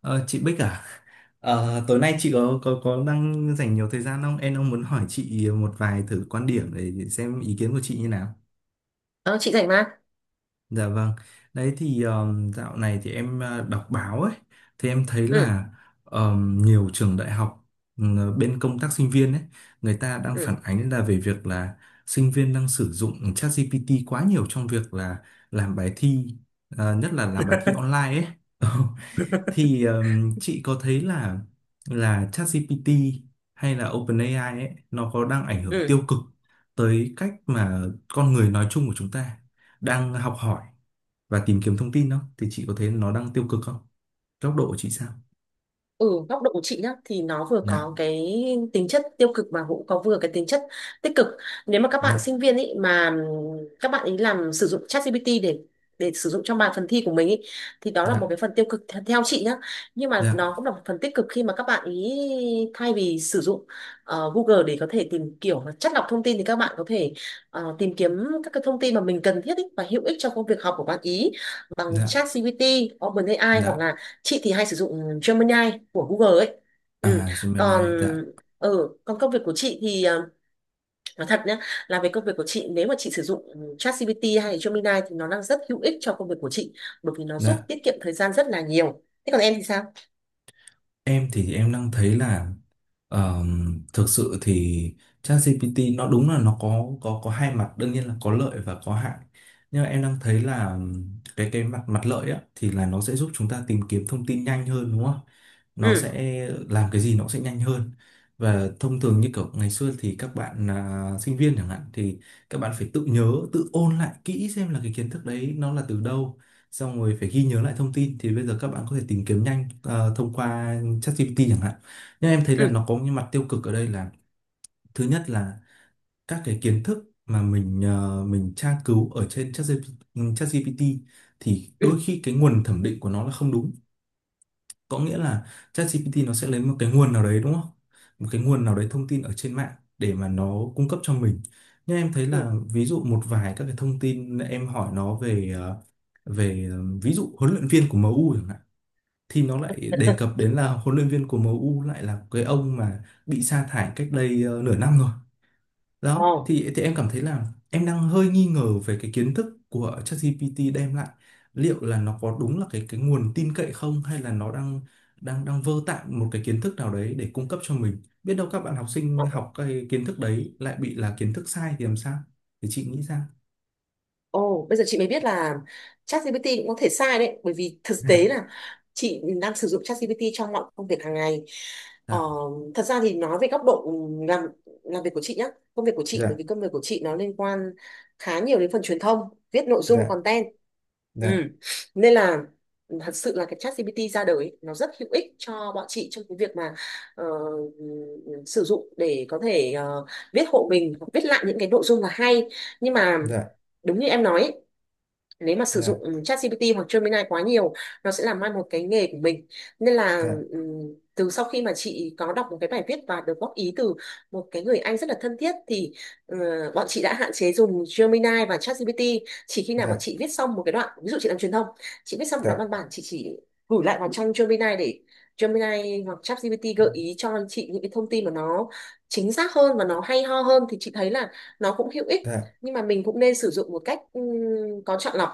Ờ, chị Bích à? Tối nay chị có đang dành nhiều thời gian không? Em đang muốn hỏi chị một vài thử quan điểm để xem ý kiến của chị như nào. Ờ, chị rảnh mà. Dạ vâng. Đấy thì dạo này thì em đọc báo ấy, thì em thấy Ừ, là nhiều trường đại học bên công tác sinh viên ấy, người ta đang phản ừ, ánh là về việc là sinh viên đang sử dụng ChatGPT quá nhiều trong việc là làm bài thi, nhất là làm bài thi online ấy. Thì chị có thấy là ChatGPT hay là OpenAI ấy nó có đang ảnh hưởng ừ. tiêu cực tới cách mà con người nói chung của chúng ta đang học hỏi và tìm kiếm thông tin không? Thì chị có thấy nó đang tiêu cực không? Góc độ của chị sao? Ừ, góc độ của chị nhá thì nó vừa Dạ, có cái tính chất tiêu cực mà cũng có vừa cái tính chất tích cực. Nếu mà các bạn dạ, sinh viên ấy mà các bạn ấy làm sử dụng ChatGPT để sử dụng trong bài phần thi của mình ý, thì đó là một dạ, cái phần tiêu cực theo chị nhá. Nhưng mà dạ, nó cũng là một phần tích cực khi mà các bạn ý thay vì sử dụng Google để có thể tìm kiểu là chắt lọc thông tin thì các bạn có thể tìm kiếm các cái thông tin mà mình cần thiết ý và hữu ích cho công việc học của bạn ý bằng dạ, ChatGPT, OpenAI hoặc dạ. là chị thì hay sử dụng Gemini của Google ấy. Ừ. À, Còn Gemini, dạ, còn công việc của chị thì nói thật nhé, là về công việc của chị, nếu mà chị sử dụng ChatGPT hay Gemini thì nó đang rất hữu ích cho công việc của chị, bởi vì nó giúp dạ. tiết kiệm thời gian rất là nhiều. Thế còn em thì sao? Em thì em đang thấy là thực sự thì ChatGPT nó đúng là nó có hai mặt đương nhiên là có lợi và có hại nhưng mà em đang thấy là cái mặt mặt lợi á thì là nó sẽ giúp chúng ta tìm kiếm thông tin nhanh hơn đúng không? Nó Ừ. sẽ làm cái gì nó sẽ nhanh hơn và thông thường như kiểu ngày xưa thì các bạn sinh viên chẳng hạn thì các bạn phải tự nhớ tự ôn lại kỹ xem là cái kiến thức đấy nó là từ đâu xong rồi phải ghi nhớ lại thông tin thì bây giờ các bạn có thể tìm kiếm nhanh thông qua ChatGPT chẳng hạn nhưng em thấy là Ừ. nó có những mặt tiêu cực ở đây là thứ nhất là các cái kiến thức mà mình mình tra cứu ở trên ChatGPT ChatGPT thì đôi Ừ. khi cái nguồn thẩm định của nó là không đúng có nghĩa là ChatGPT nó sẽ lấy một cái nguồn nào đấy đúng không một cái nguồn nào đấy thông tin ở trên mạng để mà nó cung cấp cho mình nhưng em thấy là Ừ. ví dụ một vài các cái thông tin em hỏi nó về về ví dụ huấn luyện viên của MU chẳng hạn thì nó lại đề cập đến là huấn luyện viên của em U lại là cái ông mà bị sa thải cách đây nửa năm rồi. Ồ. Đó, thì em cảm thấy là em đang hơi nghi ngờ về cái kiến thức của ChatGPT đem lại. Liệu là nó có đúng là cái nguồn tin cậy không hay là nó đang đang đang vơ tạm một cái kiến thức nào đấy để cung cấp cho mình. Biết đâu các bạn học sinh học cái kiến thức đấy lại bị là kiến thức sai thì làm sao? Thì chị nghĩ sao. Ồ, bây giờ chị mới biết là ChatGPT cũng có thể sai đấy, bởi vì thực tế Dạ, là chị đang sử dụng ChatGPT trong mọi công việc hàng ngày. Ờ, dạ, thật ra thì nói về góc độ làm làm việc của chị nhá, công việc của chị, bởi dạ, vì công việc của chị nó liên quan khá nhiều đến phần truyền thông, viết nội dung dạ, content. Ừ. dạ, Nên là thật sự là cái ChatGPT ra đời ấy, nó rất hữu ích cho bọn chị trong cái việc mà ờ, sử dụng để có thể viết hộ mình, viết lại những cái nội dung là hay. Nhưng mà dạ, đúng như em nói ấy, nếu mà sử dạ, dụng ChatGPT hoặc Gemini quá nhiều, nó sẽ làm mai một cái nghề của mình. Nên là dạ, từ sau khi mà chị có đọc một cái bài viết và được góp ý từ một cái người anh rất là thân thiết, thì ờ, bọn chị đã hạn chế dùng Gemini và ChatGPT. Chỉ khi nào bọn dạ, chị viết xong một cái đoạn, ví dụ chị làm truyền thông, chị viết xong một đoạn văn bản, chị chỉ gửi lại vào trong Gemini để Gemini hoặc ChatGPT gợi ý cho chị những cái thông tin mà nó chính xác hơn và nó hay ho hơn, thì chị thấy là nó cũng hữu ích. dạ, Nhưng mà mình cũng nên sử dụng một cách có chọn lọc.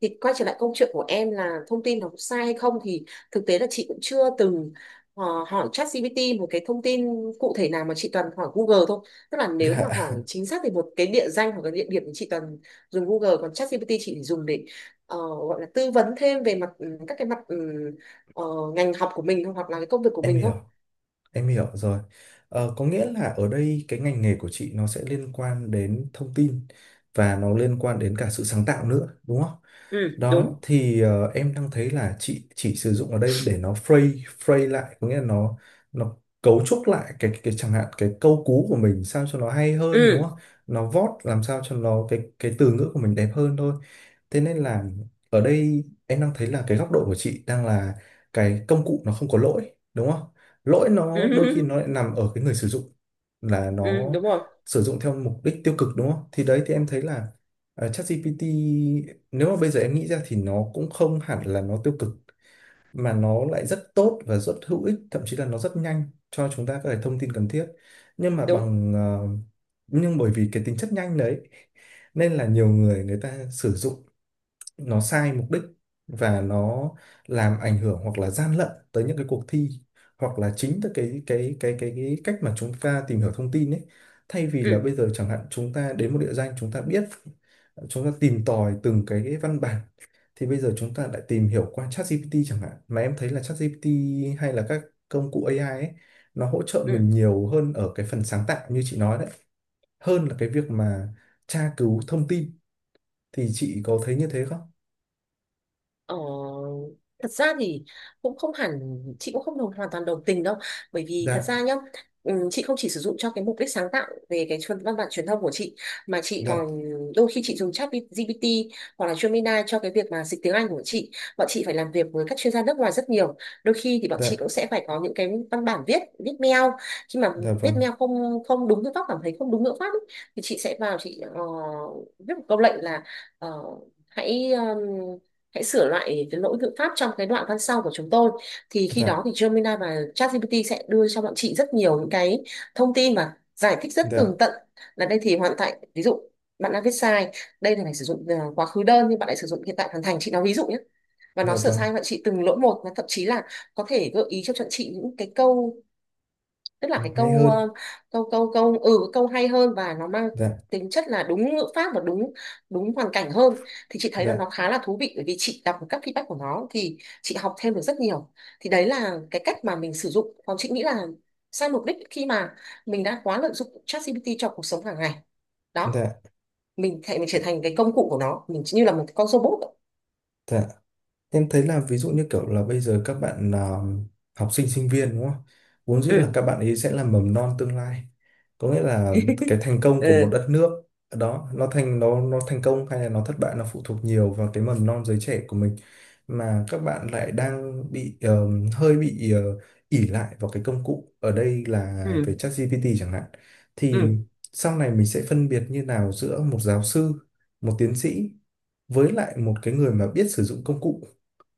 Thì quay trở lại câu chuyện của em là thông tin nó có sai hay không, thì thực tế là chị cũng chưa từng hỏi ChatGPT một cái thông tin cụ thể nào, mà chị toàn hỏi Google thôi. Tức là nếu mà dạ. hỏi chính xác thì một cái địa danh hoặc cái địa điểm thì chị toàn dùng Google, còn ChatGPT chị chỉ dùng để gọi là tư vấn thêm về mặt các cái mặt ờ, ngành học của mình thôi, hoặc là cái công việc của Em mình thôi. hiểu, em hiểu rồi. Ờ, có nghĩa là ở đây cái ngành nghề của chị nó sẽ liên quan đến thông tin và nó liên quan đến cả sự sáng tạo nữa, đúng không? Ừ, đúng. Đó thì em đang thấy là chị chỉ sử dụng ở đây để nó phrase phrase lại, có nghĩa là nó cấu trúc lại cái chẳng hạn cái câu cú của mình sao cho nó hay hơn đúng Ừ. không? Nó vót làm sao cho nó cái từ ngữ của mình đẹp hơn thôi. Thế nên là ở đây em đang thấy là cái góc độ của chị đang là cái công cụ nó không có lỗi, đúng không? Lỗi Ừ. nó đôi khi nó lại nằm ở cái người sử dụng là Ừ, nó đúng rồi. sử dụng theo mục đích tiêu cực đúng không? Thì đấy thì em thấy là ChatGPT nếu mà bây giờ em nghĩ ra thì nó cũng không hẳn là nó tiêu cực mà nó lại rất tốt và rất hữu ích, thậm chí là nó rất nhanh cho chúng ta các cái thông tin cần thiết. Nhưng mà Đúng. bằng ờ, nhưng bởi vì cái tính chất nhanh đấy nên là nhiều người người ta sử dụng nó sai mục đích và nó làm ảnh hưởng hoặc là gian lận tới những cái cuộc thi hoặc là chính tới cái cách mà chúng ta tìm hiểu thông tin ấy thay vì là Ừ. bây giờ chẳng hạn chúng ta đến một địa danh chúng ta biết chúng ta tìm tòi từng cái văn bản thì bây giờ chúng ta lại tìm hiểu qua ChatGPT chẳng hạn mà em thấy là ChatGPT hay là các công cụ AI ấy nó hỗ trợ Ừ. mình nhiều hơn ở cái phần sáng tạo như chị nói đấy hơn là cái việc mà tra cứu thông tin thì chị có thấy như thế không? Ờ, thật ra thì cũng không hẳn, chị cũng không hoàn toàn đồng tình đâu, bởi vì thật Dạ, ra nhá, chị không chỉ sử dụng cho cái mục đích sáng tạo về cái văn bản truyền thông của chị, mà chị dạ, còn đôi khi chị dùng chat GPT hoặc là Gemini cho cái việc mà dịch tiếng Anh của chị. Bọn chị phải làm việc với các chuyên gia nước ngoài rất nhiều, đôi khi thì bọn dạ, chị cũng sẽ phải có những cái văn bản viết viết mail. Khi mà dạ viết vâng, mail không không đúng ngữ pháp, cảm thấy không đúng ngữ pháp ấy, thì chị sẽ vào chị viết một câu lệnh là ờ, hãy hãy sửa lại cái lỗi ngữ pháp trong cái đoạn văn sau của chúng tôi. Thì khi dạ, đó thì Gemini và ChatGPT sẽ đưa cho bọn chị rất nhiều những cái thông tin và giải thích rất dạ, tường tận, là đây thì hoàn tại ví dụ bạn đã viết sai, đây là phải sử dụng quá khứ đơn nhưng bạn lại sử dụng hiện tại hoàn thành, chị nói ví dụ nhé. Và nó dạ sửa vâng, sai bạn chị từng lỗi một, và thậm chí là có thể gợi ý cho bọn chị những cái câu, tức là nó cái hay câu hơn, ờ, câu câu câu ừ câu hay hơn và nó mang dạ, tính chất là đúng ngữ pháp và đúng đúng hoàn cảnh hơn. Thì chị thấy là dạ, nó khá là thú vị, bởi vì chị đọc các feedback của nó thì chị học thêm được rất nhiều. Thì đấy là cái cách mà mình sử dụng. Còn chị nghĩ là sai mục đích khi mà mình đã quá lợi dụng ChatGPT cho cuộc sống hàng ngày đó, dạ, mình thể mình trở thành cái công cụ của nó, mình như là một con robot. dạ. Em thấy là ví dụ như kiểu là bây giờ các bạn học sinh sinh viên đúng không? Vốn dĩ là Ừ. các bạn ấy sẽ là mầm non tương lai. Có nghĩa là cái thành công của một Ừ. đất nước đó nó thành công hay là nó thất bại nó phụ thuộc nhiều vào cái mầm non giới trẻ của mình mà các bạn lại đang bị hơi bị ỷ lại vào cái công cụ ở đây là Ừ. về ChatGPT chẳng hạn thì Ừ. sau này mình sẽ phân biệt như nào giữa một giáo sư, một tiến sĩ với lại một cái người mà biết sử dụng công cụ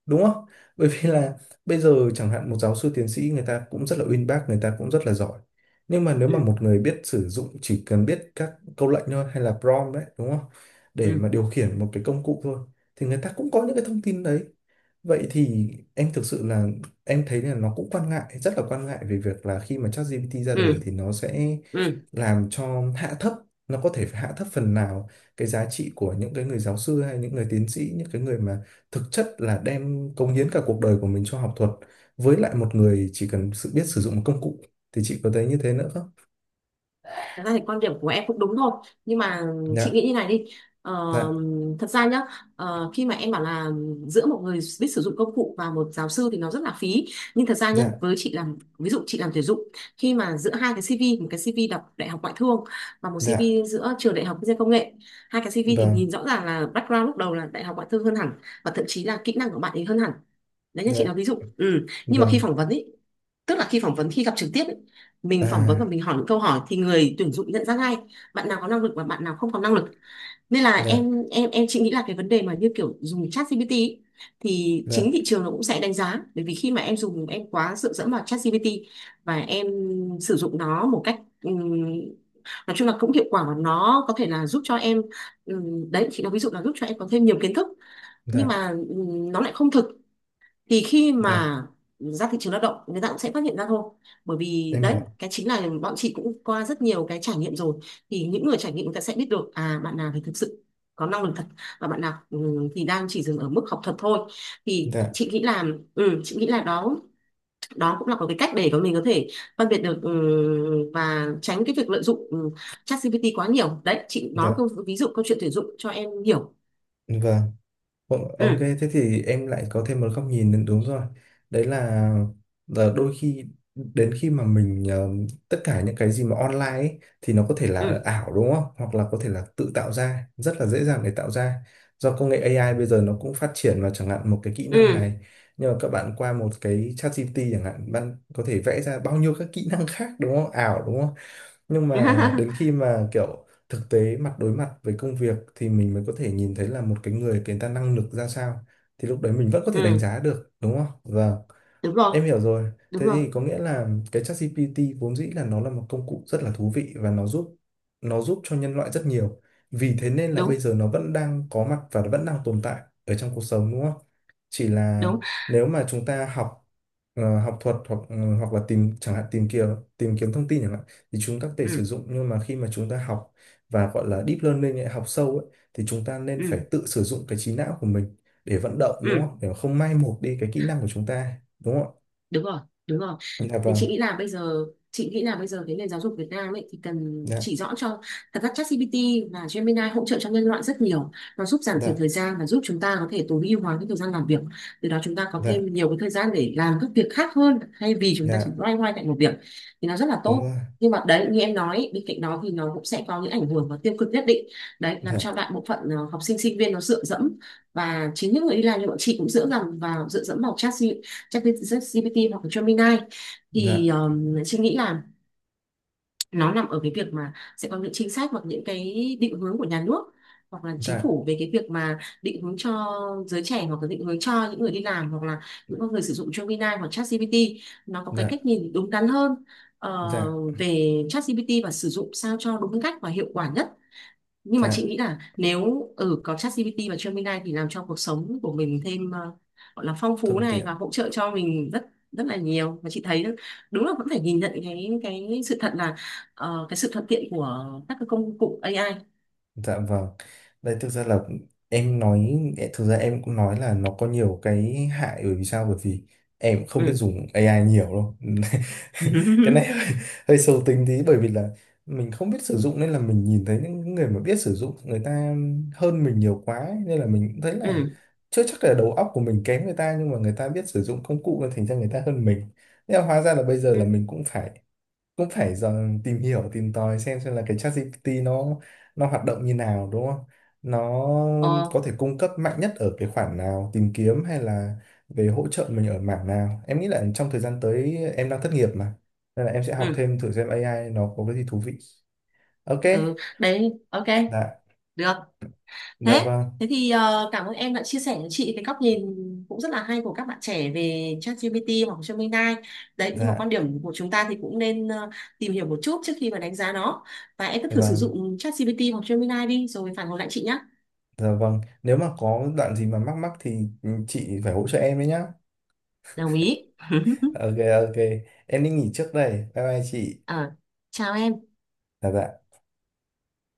đúng không bởi vì là bây giờ chẳng hạn một giáo sư tiến sĩ người ta cũng rất là uyên bác người ta cũng rất là giỏi nhưng mà nếu mà Ừ. một người biết sử dụng chỉ cần biết các câu lệnh thôi hay là prompt đấy đúng không để Ừ. mà điều khiển một cái công cụ thôi thì người ta cũng có những cái thông tin đấy. Vậy thì em thực sự là em thấy là nó cũng quan ngại, rất là quan ngại về việc là khi mà ChatGPT ra đời Ừ. thì nó sẽ Ừ. làm cho hạ thấp, nó có thể hạ thấp phần nào cái giá trị của những cái người giáo sư hay những người tiến sĩ, những cái người mà thực chất là đem cống hiến cả cuộc đời của mình cho học thuật với lại một người chỉ cần sự biết sử dụng một công cụ thì chị có thấy như thế nữa không? Thật ra thì quan điểm của em cũng đúng thôi, nhưng mà chị Dạ, nghĩ như này đi. ờ, dạ, Thật ra nhá, khi mà em bảo là giữa một người biết sử dụng công cụ và một giáo sư thì nó rất là phí. Nhưng thật ra nhá, dạ, với chị làm ví dụ chị làm tuyển dụng, khi mà giữa hai cái CV, một cái CV đọc đại học ngoại thương và một dạ, CV giữa trường đại học kinh doanh công nghệ, hai cái CV thì vâng, nhìn rõ ràng là background lúc đầu là đại học ngoại thương hơn hẳn, và thậm chí là kỹ năng của bạn ấy hơn hẳn, đấy như chị nói dạ, ví dụ. Ừ. Nhưng mà khi vâng, phỏng vấn ý, tức là khi phỏng vấn, khi gặp trực tiếp ý, mình phỏng vấn và à, mình hỏi những câu hỏi thì người tuyển dụng nhận ra ngay bạn nào có năng lực và bạn nào không có năng lực. Nên là dạ, em chị nghĩ là cái vấn đề mà như kiểu dùng chat GPT ý, thì dạ, chính thị trường nó cũng sẽ đánh giá. Bởi vì khi mà em dùng, em quá dựa dẫm vào chat GPT và em sử dụng nó một cách nói chung là cũng hiệu quả, và nó có thể là giúp cho em đấy chị nói ví dụ là giúp cho em có thêm nhiều kiến thức. Nhưng dạ, mà nó lại không thực, thì khi dạ, mà ra thị trường lao động người ta cũng sẽ phát hiện ra thôi. Bởi vì em đấy, hiểu, cái chính là bọn chị cũng qua rất nhiều cái trải nghiệm rồi, thì những người trải nghiệm người ta sẽ biết được à bạn nào thì thực sự có năng lực thật, và bạn nào ừ, thì đang chỉ dừng ở mức học thuật thôi. Thì dạ. chị nghĩ là ừ, chị nghĩ là đó đó cũng là một cái cách để mà mình có thể phân biệt được ừ, và tránh cái việc lợi dụng ừ, ChatGPT quá nhiều. Đấy, chị nói Dạ. câu ví dụ câu chuyện tuyển dụng cho em hiểu. Vâng, vâng, ok, Ừ. thế thì em lại có thêm một góc nhìn nữa, đúng rồi. Đấy là đôi khi đến khi mà mình tất cả những cái gì mà online ấy, thì nó có thể là Ừ. ảo đúng không? Hoặc là có thể là tự tạo ra, rất là dễ dàng để tạo ra. Do công nghệ AI bây giờ nó cũng phát triển vào chẳng hạn một cái kỹ Ừ. năng này. Nhưng mà các bạn qua một cái ChatGPT chẳng hạn, bạn có thể vẽ ra bao nhiêu các kỹ năng khác đúng không? Ảo đúng không? Nhưng mà đến khi mà kiểu thực tế mặt đối mặt với công việc thì mình mới có thể nhìn thấy là một cái người người ta năng lực ra sao thì lúc đấy mình vẫn có thể đánh Ừ, giá được đúng không và đúng Em rồi. hiểu rồi. Đúng Thế rồi. thì có nghĩa là cái ChatGPT vốn dĩ là nó là một công cụ rất là thú vị và nó giúp cho nhân loại rất nhiều. Vì thế nên là bây Đúng. giờ nó vẫn đang có mặt và nó vẫn đang tồn tại ở trong cuộc sống đúng không? Chỉ là Đúng. nếu mà chúng ta học học thuật hoặc hoặc là tìm chẳng hạn tìm kiếm thông tin chẳng hạn thì chúng ta có thể sử Ừ. dụng nhưng mà khi mà chúng ta học và gọi là deep learning ấy, học sâu ấy, thì chúng ta nên phải Ừ. tự sử dụng cái trí não của mình để vận động đúng Ừ. không? Để mà không mai một đi cái kỹ năng của chúng ta đúng không ạ? Đúng rồi. Đúng rồi. Dạ Thì vâng, chị nghĩ là bây giờ, chị nghĩ là bây giờ cái nền giáo dục Việt Nam ấy thì cần dạ, chỉ rõ cho, thật ra ChatGPT và Gemini hỗ trợ cho nhân loại rất nhiều, nó giúp giảm thiểu dạ, thời gian và giúp chúng ta có thể tối ưu hóa cái thời gian làm việc. Từ đó chúng ta có thêm dạ, nhiều cái thời gian để làm các việc khác hơn, thay vì chúng ta chỉ dạ, loay hoay tại một việc, thì nó rất là đúng rồi, tốt. Nhưng mà đấy như em nói, bên cạnh đó thì nó cũng sẽ có những ảnh hưởng và tiêu cực nhất định, đấy làm dạ, cho đại bộ phận học sinh sinh viên nó dựa dẫm, và chính những người đi làm như bọn chị cũng dựa dẫm vào ChatGPT hoặc là Gemini. Thì dạ, chị nghĩ là nó nằm ở cái việc mà sẽ có những chính sách hoặc những cái định hướng của nhà nước hoặc là chính dạ, phủ, về cái việc mà định hướng cho giới trẻ, hoặc là định hướng cho những người đi làm, hoặc là những con người sử dụng Gemini hoặc ChatGPT nó có cái dạ, cách nhìn đúng đắn hơn ờ, dạ, về ChatGPT, và sử dụng sao cho đúng cách và hiệu quả nhất. Nhưng mà chị dạ, nghĩ là nếu ở có ChatGPT và Gemini thì làm cho cuộc sống của mình thêm gọi là phong phú thuận này, tiện, và hỗ trợ cho mình rất rất là nhiều. Và chị thấy đúng là vẫn phải nhìn nhận cái sự thật là cái sự thuận tiện của các cái công cụ AI. dạ vâng. Đây thực ra là em nói, thực ra em cũng nói là nó có nhiều cái hại bởi vì sao? Bởi vì em không biết Ừ. dùng AI nhiều đâu. Ừ. cái này hơi, hơi sâu tính tí bởi vì là mình không biết sử dụng nên là mình nhìn thấy những người mà biết sử dụng người ta hơn mình nhiều quá ấy. Nên là mình cũng thấy là Ừ. chưa chắc là đầu óc của mình kém người ta nhưng mà người ta biết sử dụng công cụ nên thành ra người ta hơn mình. Nhưng mà hóa ra là bây giờ Ừ. là mình cũng phải dần tìm hiểu tìm tòi xem là cái ChatGPT nó hoạt động như nào đúng không? Nó Ờ. có thể cung cấp mạnh nhất ở cái khoản nào tìm kiếm hay là về hỗ trợ mình ở mảng nào? Em nghĩ là trong thời gian tới em đang thất nghiệp mà nên là em sẽ học Ừ. thêm thử xem AI nó có cái gì thú vị. Ok, Ừ. Đấy, ok, dạ, được. dạ thế vâng, thế thì cảm ơn em đã chia sẻ cho chị cái góc nhìn cũng rất là hay của các bạn trẻ về ChatGPT hoặc Gemini đấy. Nhưng mà quan dạ, điểm của chúng ta thì cũng nên tìm hiểu một chút trước khi mà đánh giá nó, và em cứ dạ thử sử vâng, dụng ChatGPT hoặc Gemini đi rồi phản hồi lại chị nhé. dạ vâng. Nếu mà có đoạn gì mà mắc mắc thì chị phải hỗ trợ em đấy nhá. Đồng ý. Ok, ok, em đi nghỉ trước đây. Bye bye chị. Ờ, chào em Dạ dạ.